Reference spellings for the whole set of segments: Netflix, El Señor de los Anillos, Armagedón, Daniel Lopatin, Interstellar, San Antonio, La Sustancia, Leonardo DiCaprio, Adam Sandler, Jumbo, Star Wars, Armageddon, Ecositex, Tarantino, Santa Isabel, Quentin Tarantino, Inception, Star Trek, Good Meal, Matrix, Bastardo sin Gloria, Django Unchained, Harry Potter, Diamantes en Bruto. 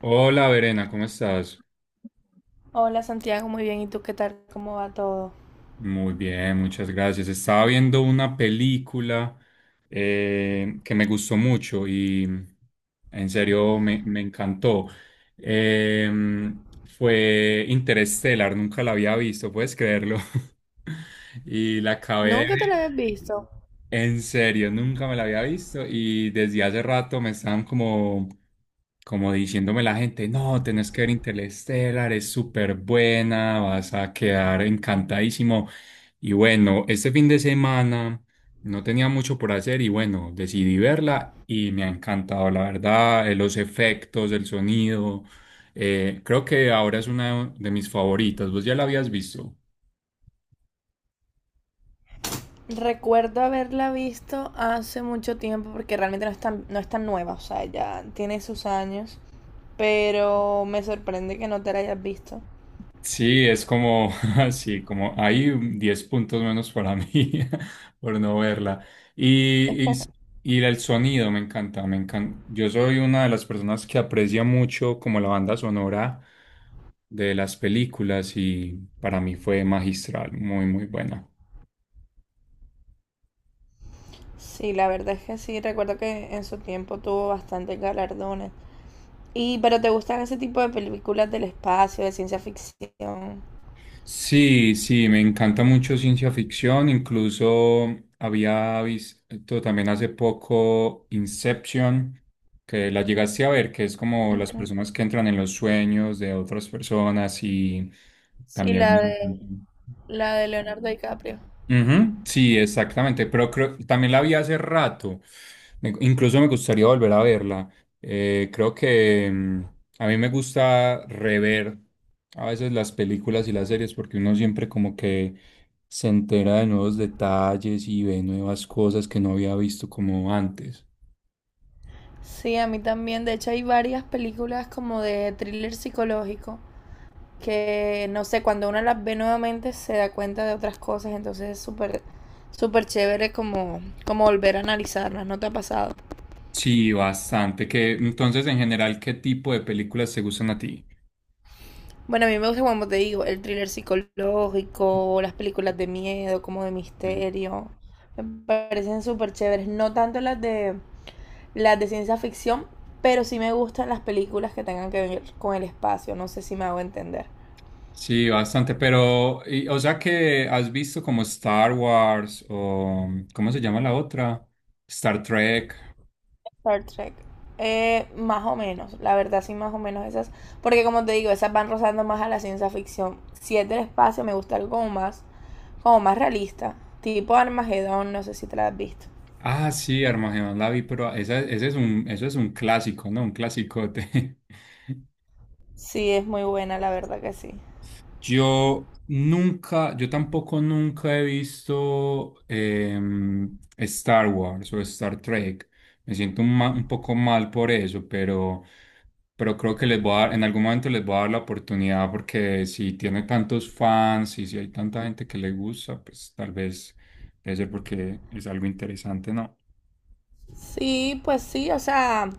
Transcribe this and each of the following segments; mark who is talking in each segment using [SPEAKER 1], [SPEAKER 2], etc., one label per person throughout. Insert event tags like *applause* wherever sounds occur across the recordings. [SPEAKER 1] Hola, Verena, ¿cómo estás?
[SPEAKER 2] Hola Santiago, muy bien. ¿Y tú qué tal? ¿Cómo va todo?
[SPEAKER 1] Muy bien, muchas gracias. Estaba viendo una película que me gustó mucho y en serio me encantó. Eh, Fue Interstellar, nunca la había visto, puedes creerlo. *laughs* Y la acabé de
[SPEAKER 2] Nunca te
[SPEAKER 1] ver.
[SPEAKER 2] la habías visto.
[SPEAKER 1] En serio, nunca me la había visto y desde hace rato me estaban como diciéndome la gente, no, tenés que ver Interstellar, es súper buena, vas a quedar encantadísimo. Y bueno, este fin de semana no tenía mucho por hacer y bueno, decidí verla y me ha encantado, la verdad, los efectos, el sonido, creo que ahora es una de mis favoritas. ¿Vos ya la habías visto?
[SPEAKER 2] Recuerdo haberla visto hace mucho tiempo porque realmente no es tan nueva, o sea, ya tiene sus años, pero me sorprende que no te la hayas visto.
[SPEAKER 1] Sí, es como, *laughs* así, como hay un 10 puntos menos para mí *laughs* por no verla. Y, y, y el sonido me encanta, me encanta. Yo soy una de las personas que aprecia mucho como la banda sonora de las películas y para mí fue magistral, muy, muy buena.
[SPEAKER 2] Sí, la verdad es que sí, recuerdo que en su tiempo tuvo bastantes galardones. Y, pero ¿te gustan ese tipo de películas del espacio, de ciencia ficción?
[SPEAKER 1] Sí, sí, me encanta mucho ciencia ficción. Incluso había visto también hace poco Inception, que la llegaste a ver, que es como las
[SPEAKER 2] Ujú.
[SPEAKER 1] personas que entran en los sueños de otras personas y
[SPEAKER 2] Sí,
[SPEAKER 1] también...
[SPEAKER 2] la de Leonardo DiCaprio.
[SPEAKER 1] Ujú, sí, exactamente, pero creo, también la vi hace rato. Incluso me gustaría volver a verla. Creo que a mí me gusta rever a veces las películas y las series porque uno siempre como que se entera de nuevos detalles y ve nuevas cosas que no había visto como antes.
[SPEAKER 2] Sí, a mí también. De hecho, hay varias películas como de thriller psicológico que, no sé, cuando uno las ve nuevamente se da cuenta de otras cosas. Entonces es súper, súper chévere como volver a analizarlas. ¿No te ha pasado?
[SPEAKER 1] Sí, bastante. Que, entonces, en general, ¿qué tipo de películas te gustan a ti?
[SPEAKER 2] Bueno, a mí me gusta, como te digo, el thriller psicológico, las películas de miedo, como de misterio. Me parecen súper chéveres. No tanto las de ciencia ficción, pero sí me gustan las películas que tengan que ver con el espacio. No sé si me hago entender.
[SPEAKER 1] Sí, bastante, pero, o sea que has visto como Star Wars o, ¿cómo se llama la otra? Star Trek.
[SPEAKER 2] Star Trek. Más o menos, la verdad sí, más o menos esas. Porque como te digo, esas van rozando más a la ciencia ficción. Si es del espacio, me gusta algo como más realista. Tipo Armageddon, no sé si te la has visto.
[SPEAKER 1] Ah, sí, Armagedón la vi, pero esa, ese es un, eso es un clásico, ¿no? Un clasicote. *laughs*
[SPEAKER 2] Sí, es muy buena, la verdad que sí.
[SPEAKER 1] Yo nunca, yo tampoco nunca he visto Star Wars o Star Trek. Me siento un, un poco mal por eso, pero creo que les voy a dar, en algún momento les voy a dar la oportunidad porque si tiene tantos fans y si hay tanta gente que le gusta, pues tal vez debe ser porque es algo interesante, ¿no?
[SPEAKER 2] Sí, pues sí, o sea,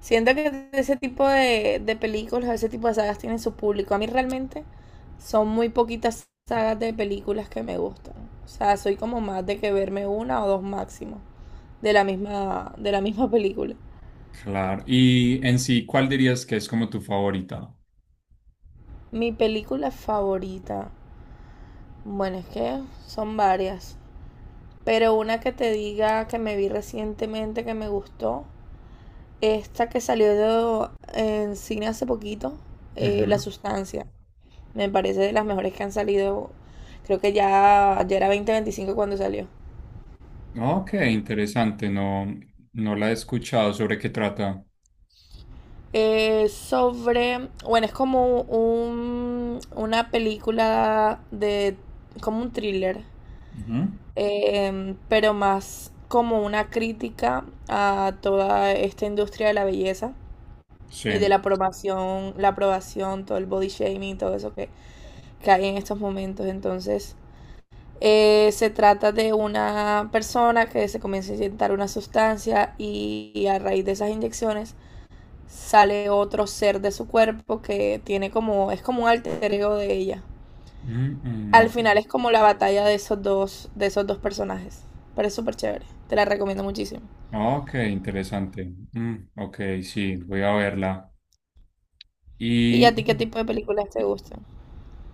[SPEAKER 2] siento que ese tipo de películas, ese tipo de sagas tienen su público. A mí realmente son muy poquitas sagas de películas que me gustan. O sea, soy como más de que verme una o dos máximo de la misma *laughs* película.
[SPEAKER 1] Claro. Y en sí, ¿cuál dirías que es como tu favorita?
[SPEAKER 2] Mi película favorita, bueno, es que son varias, pero una que te diga que me vi recientemente que me gustó, esta que salió de- en cine hace poquito, La
[SPEAKER 1] Ujú.
[SPEAKER 2] Sustancia. Me parece de las mejores que han salido. Creo que ya era 2025 cuando salió.
[SPEAKER 1] Ok, interesante, no, no la he escuchado. ¿Sobre qué trata?
[SPEAKER 2] Sobre. Bueno, es como una película de. Como un thriller.
[SPEAKER 1] Ujú.
[SPEAKER 2] Pero más como una crítica a toda esta industria de la belleza
[SPEAKER 1] Sí.
[SPEAKER 2] y de la aprobación, todo el body shaming, todo eso que hay en estos momentos. Entonces, se trata de una persona que se comienza a inyectar una sustancia y a raíz de esas inyecciones sale otro ser de su cuerpo que tiene como es como un alter ego de ella.
[SPEAKER 1] Mm, mm,
[SPEAKER 2] Al
[SPEAKER 1] ok.
[SPEAKER 2] final es como la batalla de esos dos personajes, pero es súper chévere. Te la recomiendo muchísimo.
[SPEAKER 1] Ok, interesante. Mm, ok, sí, voy a verla.
[SPEAKER 2] ¿Y
[SPEAKER 1] Y
[SPEAKER 2] a ti qué tipo de películas te gustan?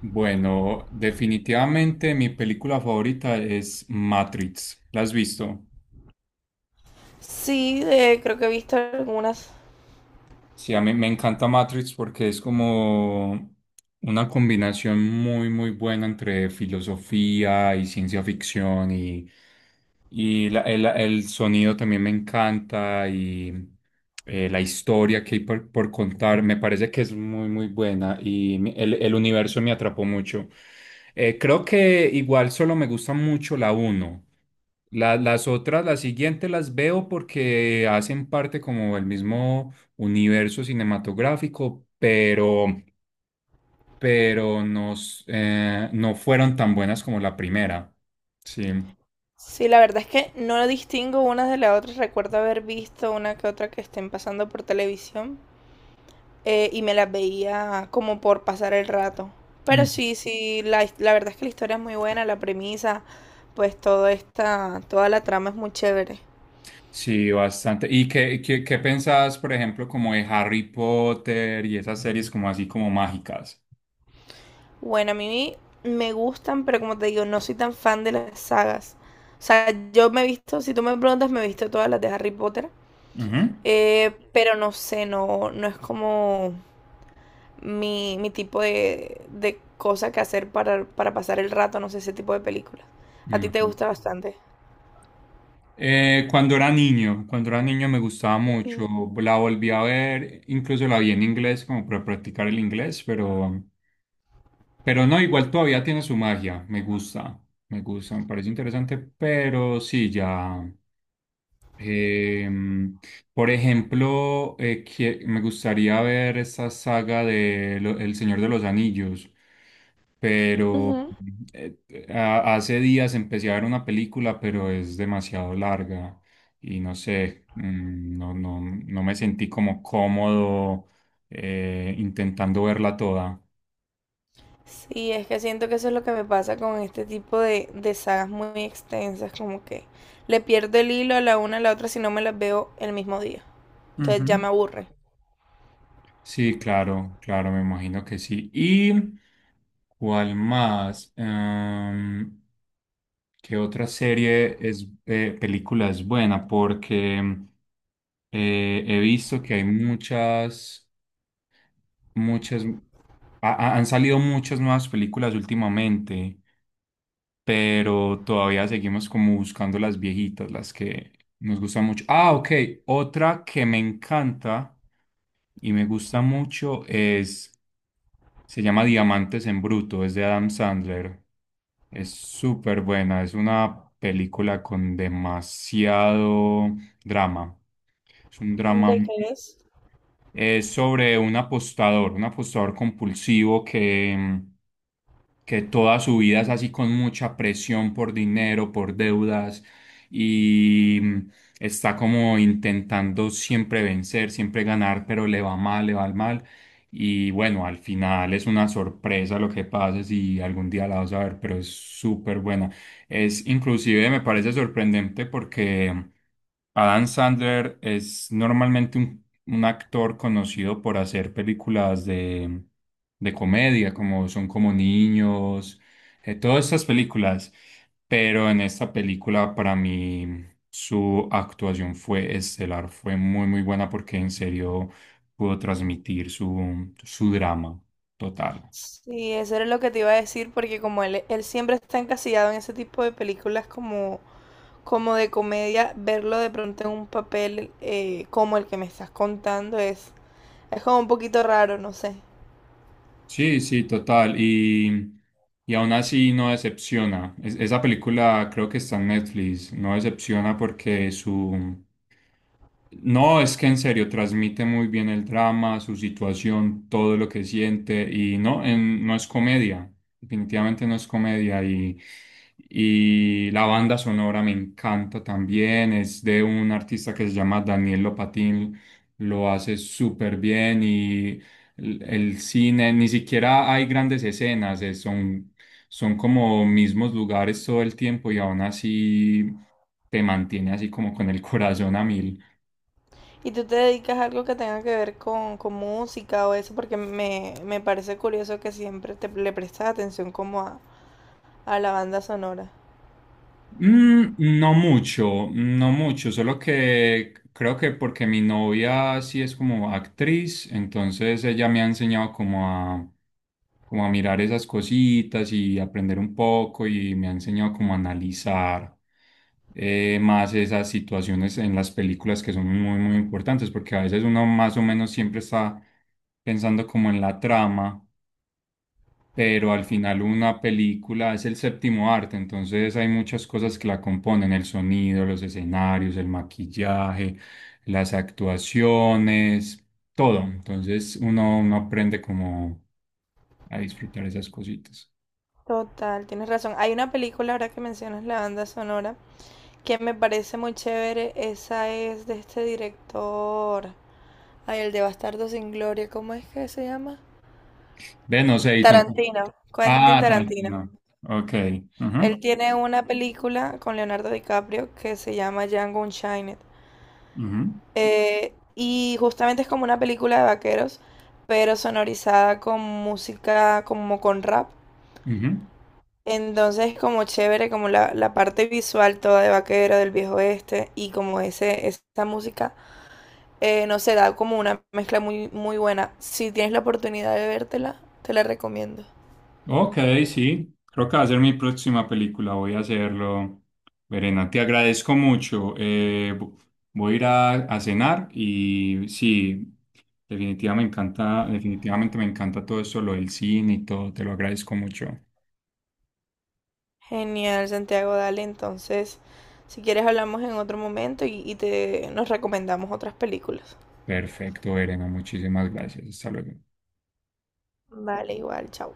[SPEAKER 1] bueno, definitivamente mi película favorita es Matrix. ¿La has visto?
[SPEAKER 2] Sí, creo que he visto algunas.
[SPEAKER 1] Sí, a mí me encanta Matrix porque es como una combinación muy, muy buena entre filosofía y ciencia ficción y el sonido también me encanta y la historia que hay por contar me parece que es muy, muy buena y el universo me atrapó mucho. Creo que igual solo me gusta mucho la uno. Las otras, las siguientes las veo porque hacen parte como del mismo universo cinematográfico, pero, pero no fueron tan buenas como la primera. Sí.
[SPEAKER 2] Sí, la verdad es que no distingo unas de las otras. Recuerdo haber visto una que otra que estén pasando por televisión. Y me las veía como por pasar el rato.
[SPEAKER 1] Mm.
[SPEAKER 2] Pero sí, sí, la verdad es que la historia es muy buena, la premisa, pues toda la trama es muy chévere.
[SPEAKER 1] Sí, bastante. ¿Y qué pensás, por ejemplo, como de Harry Potter y esas series como así como mágicas?
[SPEAKER 2] Bueno, a mí me gustan, pero como te digo, no soy tan fan de las sagas. O sea, yo me he visto, si tú me preguntas, me he visto todas las de Harry Potter,
[SPEAKER 1] Ujú.
[SPEAKER 2] pero no sé, no es como mi tipo de cosa que hacer para pasar el rato, no sé, ese tipo de películas. A ti te
[SPEAKER 1] Ujú.
[SPEAKER 2] gusta bastante.
[SPEAKER 1] Cuando era niño me gustaba
[SPEAKER 2] Ujú.
[SPEAKER 1] mucho, la volví a ver, incluso la vi en inglés como para practicar el inglés, pero no, igual todavía tiene su magia, me gusta, me gusta, me parece interesante, pero sí, ya. Em, por ejemplo, me gustaría ver esa saga de El Señor de los Anillos, pero
[SPEAKER 2] Ujú.
[SPEAKER 1] eh, hace días empecé a ver una película, pero es demasiado larga y no sé, no me sentí como cómodo intentando verla toda.
[SPEAKER 2] Sí, es que siento que eso es lo que me pasa con este tipo de sagas muy extensas, como que le pierdo el hilo a la una a la otra si no me las veo el mismo día. Entonces ya
[SPEAKER 1] Ujú.
[SPEAKER 2] me aburre.
[SPEAKER 1] Sí, claro, claro, me imagino que sí. ¿Y cuál más? Em, ¿qué otra serie es película es buena? Porque he visto que hay muchas, muchas, han salido muchas nuevas películas últimamente, pero todavía seguimos como buscando las viejitas, las que nos gustan mucho. Ah, ok, otra que me encanta y me gusta mucho es, se llama Diamantes en Bruto, es de Adam Sandler. Es súper buena, es una película con demasiado drama. Es un drama,
[SPEAKER 2] ¿De qué es?
[SPEAKER 1] es sobre un apostador compulsivo que, que toda su vida es así con mucha presión por dinero, por deudas y está como intentando siempre vencer, siempre ganar, pero le va mal, le va mal. Y bueno, al final es una sorpresa lo que pasa si algún día la vas a ver, pero es súper buena. Es inclusive me parece sorprendente porque Adam Sandler es normalmente un actor conocido por hacer películas de comedia, como son como niños, todas estas películas. Pero en esta película, para mí, su actuación fue estelar, fue muy, muy buena porque en serio pudo transmitir su drama total.
[SPEAKER 2] Sí, eso era lo que te iba a decir, porque como él siempre está encasillado en ese tipo de películas como, como de comedia, verlo de pronto en un papel como el que me estás contando es como un poquito raro, no sé.
[SPEAKER 1] Sí, sí, total. Y aún así no decepciona. Esa película creo que está en Netflix. No decepciona porque su... No, es que en serio transmite muy bien el drama, su situación, todo lo que siente y no, no es comedia, definitivamente no es comedia y la banda sonora me encanta también, es de un artista que se llama Daniel Lopatin, lo hace súper bien y el cine, ni siquiera hay grandes escenas, son como mismos lugares todo el tiempo y aún así te mantiene así como con el corazón a mil.
[SPEAKER 2] ¿Y tú te dedicas a algo que tenga que ver con música o eso? Porque me parece curioso que siempre te, le prestas atención como a la banda sonora.
[SPEAKER 1] Mm, no mucho, no mucho, solo que creo que porque mi novia sí es como actriz, entonces ella me ha enseñado como como a mirar esas cositas y aprender un poco y me ha enseñado como a analizar más esas situaciones en las películas que son muy, muy importantes, porque a veces uno más o menos siempre está pensando como en la trama pero al final una película es el séptimo arte, entonces hay muchas cosas que la componen, el sonido, los escenarios, el maquillaje, las actuaciones, todo. Entonces uno aprende como a disfrutar esas cositas.
[SPEAKER 2] Total, tienes razón. Hay una película ahora que mencionas la banda sonora que me parece muy chévere. Esa es de este director. Ay, el de Bastardo sin Gloria, ¿cómo es que se llama?
[SPEAKER 1] Ve, no sé, y tampoco.
[SPEAKER 2] Tarantino, Quentin
[SPEAKER 1] Ah,
[SPEAKER 2] Tarantino.
[SPEAKER 1] Tarantino. Ok.
[SPEAKER 2] Él
[SPEAKER 1] Ujú,
[SPEAKER 2] tiene una película con Leonardo DiCaprio que se llama Django Unchained.
[SPEAKER 1] ujú,
[SPEAKER 2] Y justamente es como una película de vaqueros, pero sonorizada con música como con rap.
[SPEAKER 1] ujú.
[SPEAKER 2] Entonces como chévere, como la parte visual toda de vaquero, del viejo oeste, y como esa música, no sé, da como una mezcla muy, muy buena. Si tienes la oportunidad de vértela, te la recomiendo.
[SPEAKER 1] Ok, sí, creo que va a ser mi próxima película, voy a hacerlo. Verena, te agradezco mucho. Voy a ir a cenar y sí, definitivamente me encanta todo eso, lo del cine y todo, te lo agradezco mucho.
[SPEAKER 2] Genial, Santiago, dale. Entonces, si quieres hablamos en otro momento y te, nos recomendamos otras películas.
[SPEAKER 1] Perfecto, Verena, muchísimas gracias. Hasta luego.
[SPEAKER 2] Vale, igual, chao.